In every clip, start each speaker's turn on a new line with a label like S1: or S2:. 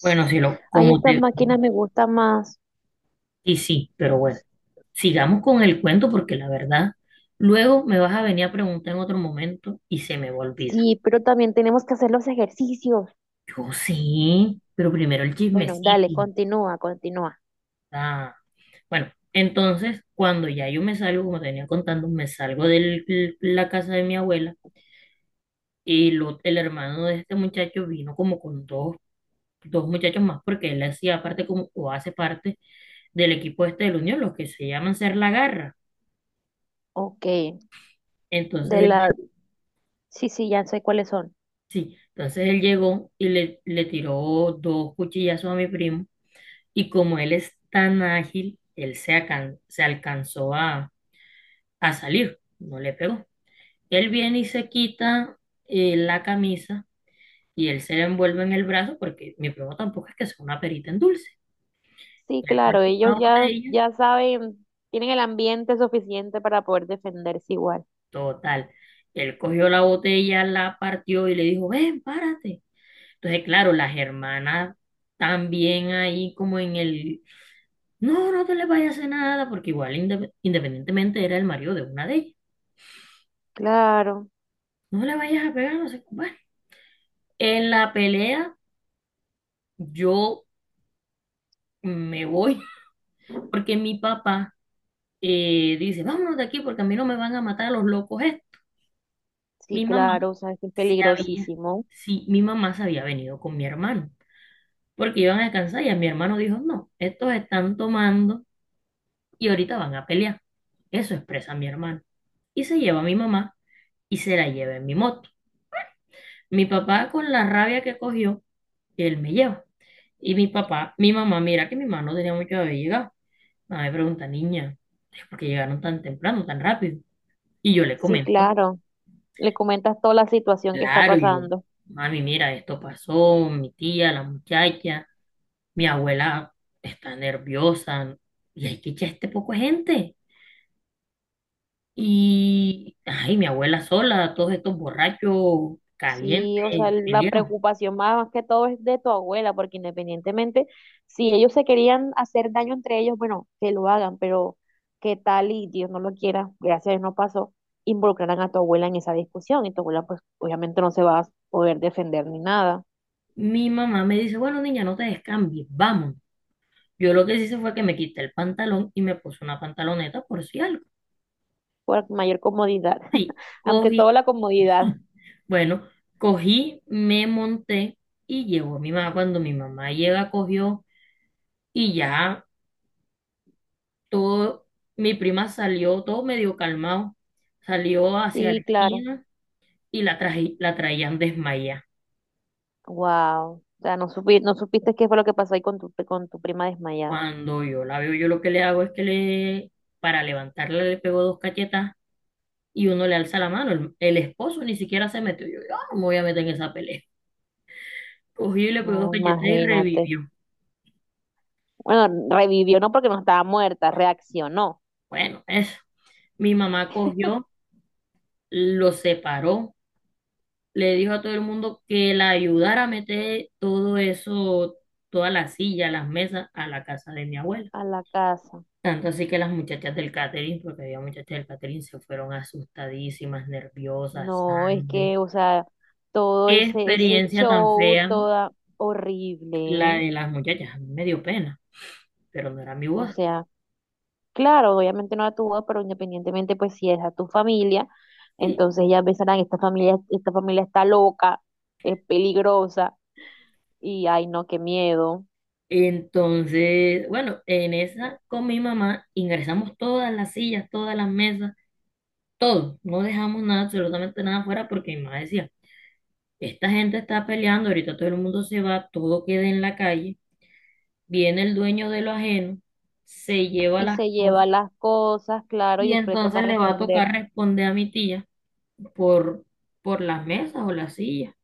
S1: Bueno, sí,
S2: Ay, estas máquinas me gustan más.
S1: y sí, pero bueno, sigamos con el cuento porque la verdad, luego me vas a venir a preguntar en otro momento y se me va a olvidar.
S2: Sí, pero también tenemos que hacer los ejercicios.
S1: Yo sí, pero primero el
S2: Bueno, dale,
S1: chismecito.
S2: continúa.
S1: ah. Bueno, entonces, cuando ya yo me salgo, como te venía contando, me salgo de la casa de mi abuela y el hermano de este muchacho vino como con dos muchachos más porque él hacía parte como, o hace parte del equipo este de la Unión, los que se llaman Ser la Garra.
S2: Ok,
S1: Entonces.
S2: de la... Sí, sí, ya sé cuáles son.
S1: Sí, entonces él llegó y le tiró dos cuchillazos a mi primo y como él es tan ágil, él se, se alcanzó a salir, no le pegó. Él viene y se quita la camisa y él se la envuelve en el brazo porque mi primo tampoco es que sea una perita en dulce.
S2: Sí, claro, ellos
S1: Una
S2: ya,
S1: botella,
S2: ya saben, tienen el ambiente suficiente para poder defenderse igual.
S1: total. Él cogió la botella, la partió y le dijo, ven, párate. Entonces, claro, las hermanas también ahí como en el. No, no te le vayas a hacer nada, porque igual independientemente era el marido de una de ellas.
S2: Claro,
S1: No le vayas a pegar, no sé cómo es. En la pelea yo me voy, porque mi papá dice, vámonos de aquí porque a mí no me van a matar a los locos estos.
S2: sí,
S1: Mi mamá
S2: claro, o sea, es que es
S1: se había,
S2: peligrosísimo.
S1: sí, mi mamá se había venido con mi hermano, porque iban a descansar y a mi hermano dijo, no, estos están tomando y ahorita van a pelear. Eso expresa mi hermano. Y se lleva a mi mamá y se la lleva en mi moto. Mi papá con la rabia que cogió, él me lleva. Y mi papá, mi mamá, mira que mi mamá no tenía mucho de haber llegado. Mamá me pregunta, niña, ¿por qué llegaron tan temprano, tan rápido? Y yo le
S2: Sí,
S1: comento,
S2: claro. Le comentas toda la situación que está
S1: claro, yo,
S2: pasando.
S1: mami, mira, esto pasó, mi tía, la muchacha, mi abuela está nerviosa y hay que echar este poco de gente. Y, ay, mi abuela sola, todos estos borrachos calientes,
S2: Sí, o sea, la
S1: peleados.
S2: preocupación más, más que todo es de tu abuela, porque independientemente, si ellos se querían hacer daño entre ellos, bueno, que lo hagan, pero qué tal y Dios no lo quiera, gracias a Dios no pasó, involucrarán a tu abuela en esa discusión y tu abuela pues obviamente no se va a poder defender ni nada,
S1: Mi mamá me dice, bueno, niña, no te descambies, vamos. Yo lo que hice fue que me quité el pantalón y me puse una pantaloneta por si algo.
S2: por mayor comodidad,
S1: Sí,
S2: ante
S1: cogí,
S2: todo la comodidad.
S1: bueno, cogí, me monté y llegó mi mamá. Cuando mi mamá llega, cogió y ya todo, mi prima salió todo medio calmado, salió hacia la
S2: Sí, claro,
S1: esquina y la traje, la traían desmayada.
S2: wow, o sea, no supiste qué fue lo que pasó ahí con tu prima desmayada,
S1: Cuando yo la veo, yo lo que le hago es que le, para levantarla le pego dos cachetas y uno le alza la mano. El esposo ni siquiera se metió. Yo no me voy a meter en esa pelea. Cogí y le pegó dos
S2: no,
S1: cachetas y
S2: imagínate.
S1: revivió.
S2: Bueno, revivió no porque no estaba muerta, reaccionó
S1: Bueno, eso. Mi mamá cogió, lo separó, le dijo a todo el mundo que la ayudara a meter todo eso, todas las sillas, las mesas a la casa de mi abuela.
S2: a la casa.
S1: Tanto así que las muchachas del catering, porque había muchachas del catering, se fueron asustadísimas, nerviosas,
S2: No, es
S1: sangre.
S2: que, o sea, todo
S1: Qué
S2: ese, ese
S1: experiencia tan
S2: show,
S1: fea
S2: toda horrible.
S1: la
S2: ¿Eh?
S1: de las muchachas, a mí me dio pena, pero no era mi
S2: O
S1: voz.
S2: sea, claro, obviamente no la tuvo, pero independientemente, pues si es a tu familia,
S1: Sí.
S2: entonces ya pensarán, esta familia está loca, es peligrosa, y ay no, qué miedo.
S1: Entonces, bueno, en esa con mi mamá ingresamos todas las sillas, todas las mesas todo, no dejamos nada, absolutamente nada afuera, porque mi mamá decía, esta gente está peleando, ahorita todo el mundo se va, todo queda en la calle, viene el dueño de lo ajeno, se lleva
S2: Y
S1: las
S2: se
S1: cosas
S2: lleva las cosas, claro, y
S1: y
S2: después le
S1: entonces
S2: toca
S1: le va a
S2: responder
S1: tocar responder a mi tía por, por las mesas o las sillas.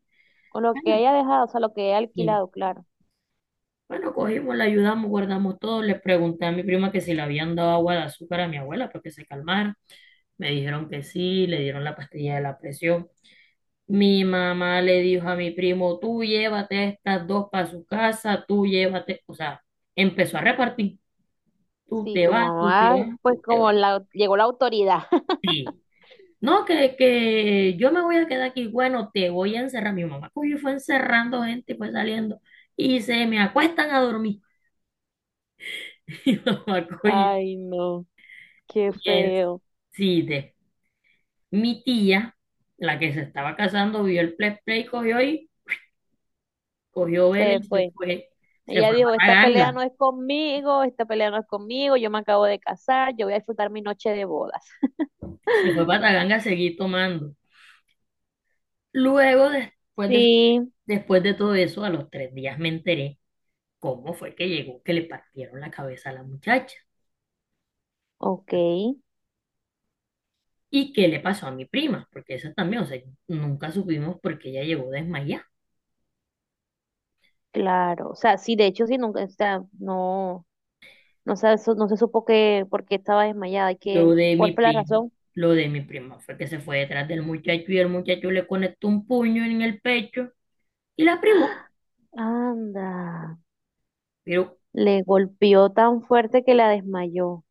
S2: con lo que
S1: Bueno,
S2: haya dejado, o sea, lo que haya
S1: y,
S2: alquilado, claro.
S1: bueno, cogimos, la ayudamos, guardamos todo, le pregunté a mi prima que si le habían dado agua de azúcar a mi abuela para que se calmara, me dijeron que sí, le dieron la pastilla de la presión. Mi mamá le dijo a mi primo, tú llévate a estas dos para su casa, tú llévate, o sea, empezó a repartir, tú
S2: Sí,
S1: te
S2: tu
S1: vas, tú
S2: mamá,
S1: te vas,
S2: pues
S1: tú te
S2: como
S1: vas.
S2: la, llegó la autoridad.
S1: Sí. No, que yo me voy a quedar aquí, bueno, te voy a encerrar. Mi mamá cogió y fue encerrando gente y fue saliendo y se me acuestan a dormir. Mi mamá cogió y
S2: Ay, no, qué
S1: en-
S2: feo.
S1: sí, mi tía, la que se estaba casando, vio el play cogió y cogió vela
S2: Se
S1: y
S2: fue.
S1: se
S2: Ella
S1: fue
S2: dijo,
S1: para
S2: esta pelea
S1: Ganga.
S2: no es conmigo, esta pelea no es conmigo, yo me acabo de casar, yo voy a disfrutar mi noche de bodas.
S1: Se fue para Taganga a seguir tomando. Luego, después de,
S2: Sí,
S1: después de todo eso, a los 3 días me enteré cómo fue que llegó, que le partieron la cabeza a la muchacha
S2: ok,
S1: y qué le pasó a mi prima, porque eso también, o sea, nunca supimos por qué ella llegó desmayada.
S2: claro. O sea, sí, de hecho, sí, nunca, o sea, no, no se, so, no se supo que, por qué estaba desmayada y
S1: Lo
S2: que,
S1: de
S2: ¿cuál
S1: mi
S2: fue la
S1: prima,
S2: razón?
S1: lo de mi prima fue que se fue detrás del muchacho y el muchacho le conectó un puño en el pecho y la privó.
S2: Anda,
S1: Pero.
S2: le golpeó tan fuerte que la desmayó.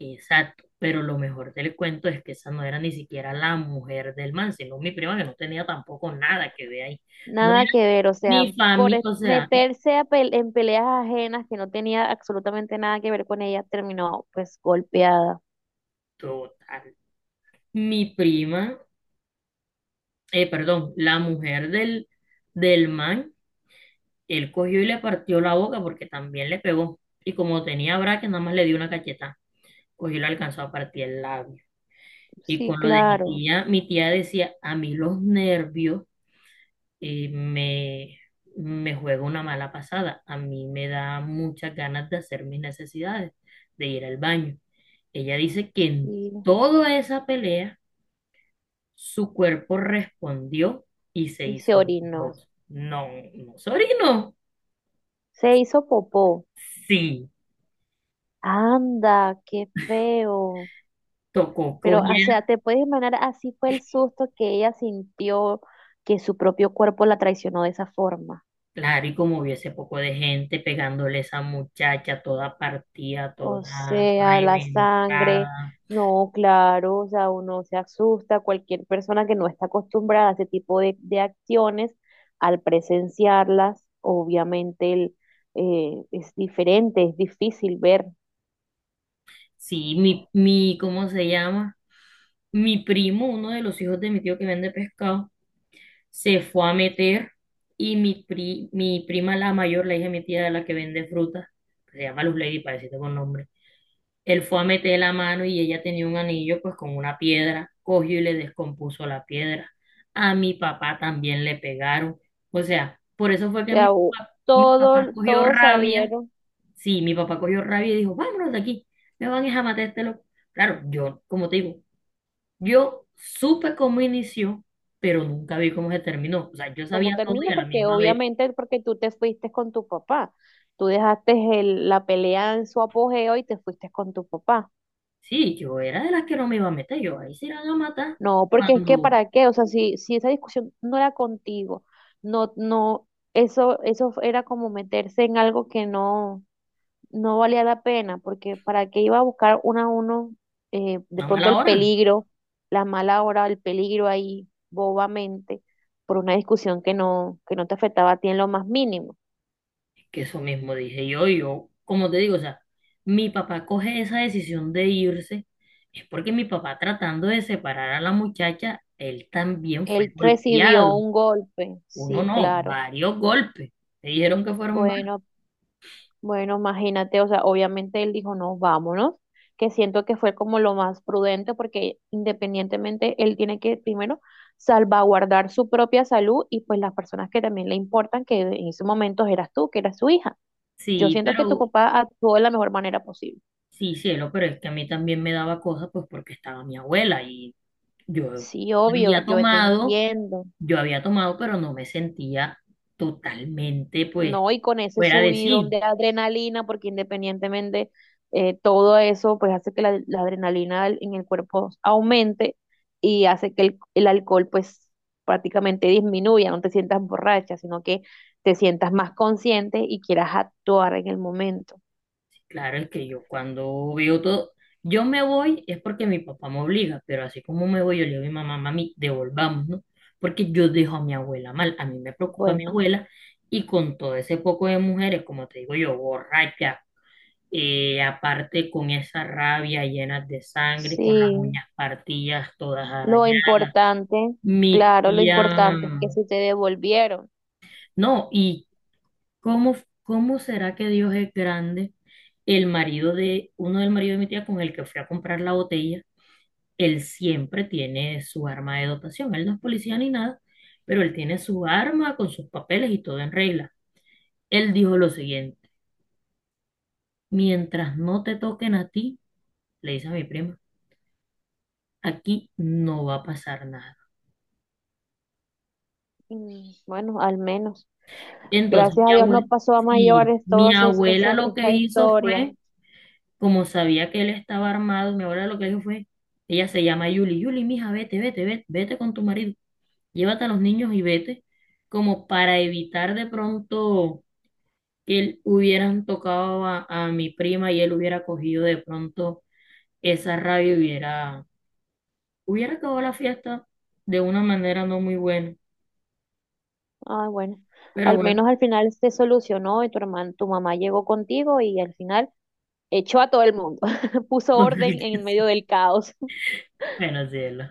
S1: Exacto, pero lo mejor del cuento es que esa no era ni siquiera la mujer del man, sino mi prima que no tenía tampoco nada que ver ahí. No
S2: Nada que
S1: era
S2: ver, o sea,
S1: ni familia, o sea,
S2: meterse a en peleas ajenas que no tenía absolutamente nada que ver con ella, terminó pues golpeada.
S1: total. Mi prima, perdón, la mujer del man, él cogió y le partió la boca porque también le pegó. Y como tenía braque, nada más le dio una cachetada, cogió y le alcanzó a partir el labio. Y
S2: Sí,
S1: con lo de
S2: claro,
S1: mi tía decía, a mí los nervios. Y me juego una mala pasada. A mí me da muchas ganas de hacer mis necesidades, de ir al baño. Ella dice que en
S2: y,
S1: toda esa pelea su cuerpo respondió y se
S2: y se
S1: hizo de
S2: orinó.
S1: dos. No, no se orinó.
S2: Se hizo popó.
S1: Sí,
S2: Anda, qué feo.
S1: tocó
S2: Pero, o sea,
S1: cogiera.
S2: te puedes imaginar, así fue el susto que ella sintió que su propio cuerpo la traicionó de esa forma.
S1: Claro, y como hubiese poco de gente pegándole a esa muchacha toda partida,
S2: O
S1: toda
S2: sea, la sangre,
S1: reventada.
S2: no, claro, o sea, uno se asusta, cualquier persona que no está acostumbrada a ese tipo de acciones, al presenciarlas, obviamente el, es diferente, es difícil ver, o
S1: Sí, mi, ¿cómo se llama? Mi primo, uno de los hijos de mi tío que vende pescado, se fue a meter y mi prima, la mayor, la hija de mi tía, la que vende fruta, que se llama Luz Lady, parecida con nombre, él fue a meter la mano y ella tenía un anillo pues con una piedra, cogió y le descompuso la piedra. A mi papá también le pegaron. O sea, por eso fue que mi
S2: sea,
S1: papá, mi papá
S2: todo,
S1: cogió
S2: todos
S1: rabia.
S2: salieron
S1: Sí, mi papá cogió rabia y dijo, vámonos de aquí, me van a matar a este loco. Claro, yo, como te digo, yo supe cómo inició, pero nunca vi cómo se terminó. O sea, yo
S2: como
S1: sabía todo y
S2: termina,
S1: a la
S2: porque
S1: misma vez,
S2: obviamente porque tú te fuiste con tu papá, tú dejaste la pelea en su apogeo y te fuiste con tu papá.
S1: sí, yo era de las que no me iba a meter, yo ahí se iban a matar
S2: No, porque es que
S1: cuando
S2: para qué, o sea, si, si esa discusión no era contigo, no, no, eso era como meterse en algo que no, no valía la pena, porque para qué iba a buscar uno a uno, de
S1: a
S2: pronto
S1: mala
S2: el
S1: hora.
S2: peligro, la mala hora, el peligro ahí bobamente, por una discusión que no te afectaba a ti en lo más mínimo.
S1: Es que eso mismo dije yo, y yo, como te digo, o sea, mi papá coge esa decisión de irse, es porque mi papá tratando de separar a la muchacha, él también fue
S2: Él recibió
S1: golpeado.
S2: un golpe,
S1: Uno
S2: sí,
S1: no,
S2: claro.
S1: varios golpes. Me dijeron que fueron varios.
S2: Bueno, Bueno, imagínate, o sea, obviamente él dijo, no, vámonos, que siento que fue como lo más prudente porque independientemente él tiene que primero salvaguardar su propia salud y pues las personas que también le importan, que en ese momento eras tú, que eras su hija. Yo
S1: Sí,
S2: siento que tu
S1: pero.
S2: papá actuó de la mejor manera posible.
S1: Sí, cielo, pero es que a mí también me daba cosas, pues porque estaba mi abuela y yo
S2: Sí, obvio,
S1: había
S2: yo te
S1: tomado,
S2: entiendo.
S1: yo había tomado, pero no me sentía totalmente, pues,
S2: No, y con ese
S1: fuera de
S2: subidón
S1: sí.
S2: de adrenalina, porque independientemente todo eso, pues hace que la adrenalina en el cuerpo aumente y hace que el alcohol pues prácticamente disminuya, no te sientas borracha, sino que te sientas más consciente y quieras actuar en el momento.
S1: Claro, es que yo cuando veo todo, yo me voy es porque mi papá me obliga, pero así como me voy, yo le digo a mi mamá, mami, devolvamos, ¿no? Porque yo dejo a mi abuela mal, a mí me preocupa mi
S2: Bueno,
S1: abuela y con todo ese poco de mujeres, como te digo yo, borracha aparte con esa rabia llena de sangre, con las
S2: sí,
S1: uñas partidas, todas
S2: lo
S1: arañadas.
S2: importante,
S1: Mi
S2: claro, lo
S1: tía,
S2: importante es que si te devolvieron,
S1: no, y cómo, cómo será que Dios es grande? El marido de, uno del marido de mi tía con el que fui a comprar la botella, él siempre tiene su arma de dotación, él no es policía ni nada, pero él tiene su arma con sus papeles y todo en regla. Él dijo lo siguiente, mientras no te toquen a ti, le dice a mi prima, aquí no va a pasar nada.
S2: mm, bueno, al menos.
S1: Entonces
S2: Gracias
S1: mi
S2: a Dios no
S1: abuela,
S2: pasó a
S1: sí,
S2: mayores
S1: mi
S2: toda
S1: abuela lo
S2: esa
S1: que hizo
S2: historia.
S1: fue, como sabía que él estaba armado, mi abuela lo que dijo fue, ella se llama Yuli, Yuli, mija, vete, vete, vete, vete con tu marido, llévate a los niños y vete, como para evitar de pronto que él hubieran tocado a mi prima y él hubiera cogido de pronto esa rabia, y hubiera acabado la fiesta de una manera no muy buena,
S2: Ah, bueno,
S1: pero
S2: al
S1: bueno,
S2: menos al final se solucionó y tu hermano, tu mamá llegó contigo y al final echó a todo el mundo, puso
S1: con
S2: orden
S1: que
S2: en medio
S1: sí,
S2: del caos.
S1: bueno, sí, es lo.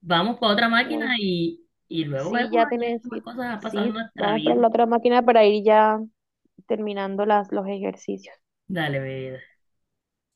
S1: Vamos para otra máquina
S2: Bueno,
S1: y, luego
S2: sí,
S1: vemos
S2: ya
S1: ya
S2: tenés,
S1: qué más
S2: sí,
S1: cosas han pasado en
S2: sí,
S1: nuestra
S2: vamos para
S1: vida.
S2: la otra máquina para ir ya terminando las, los ejercicios.
S1: Dale, mi vida.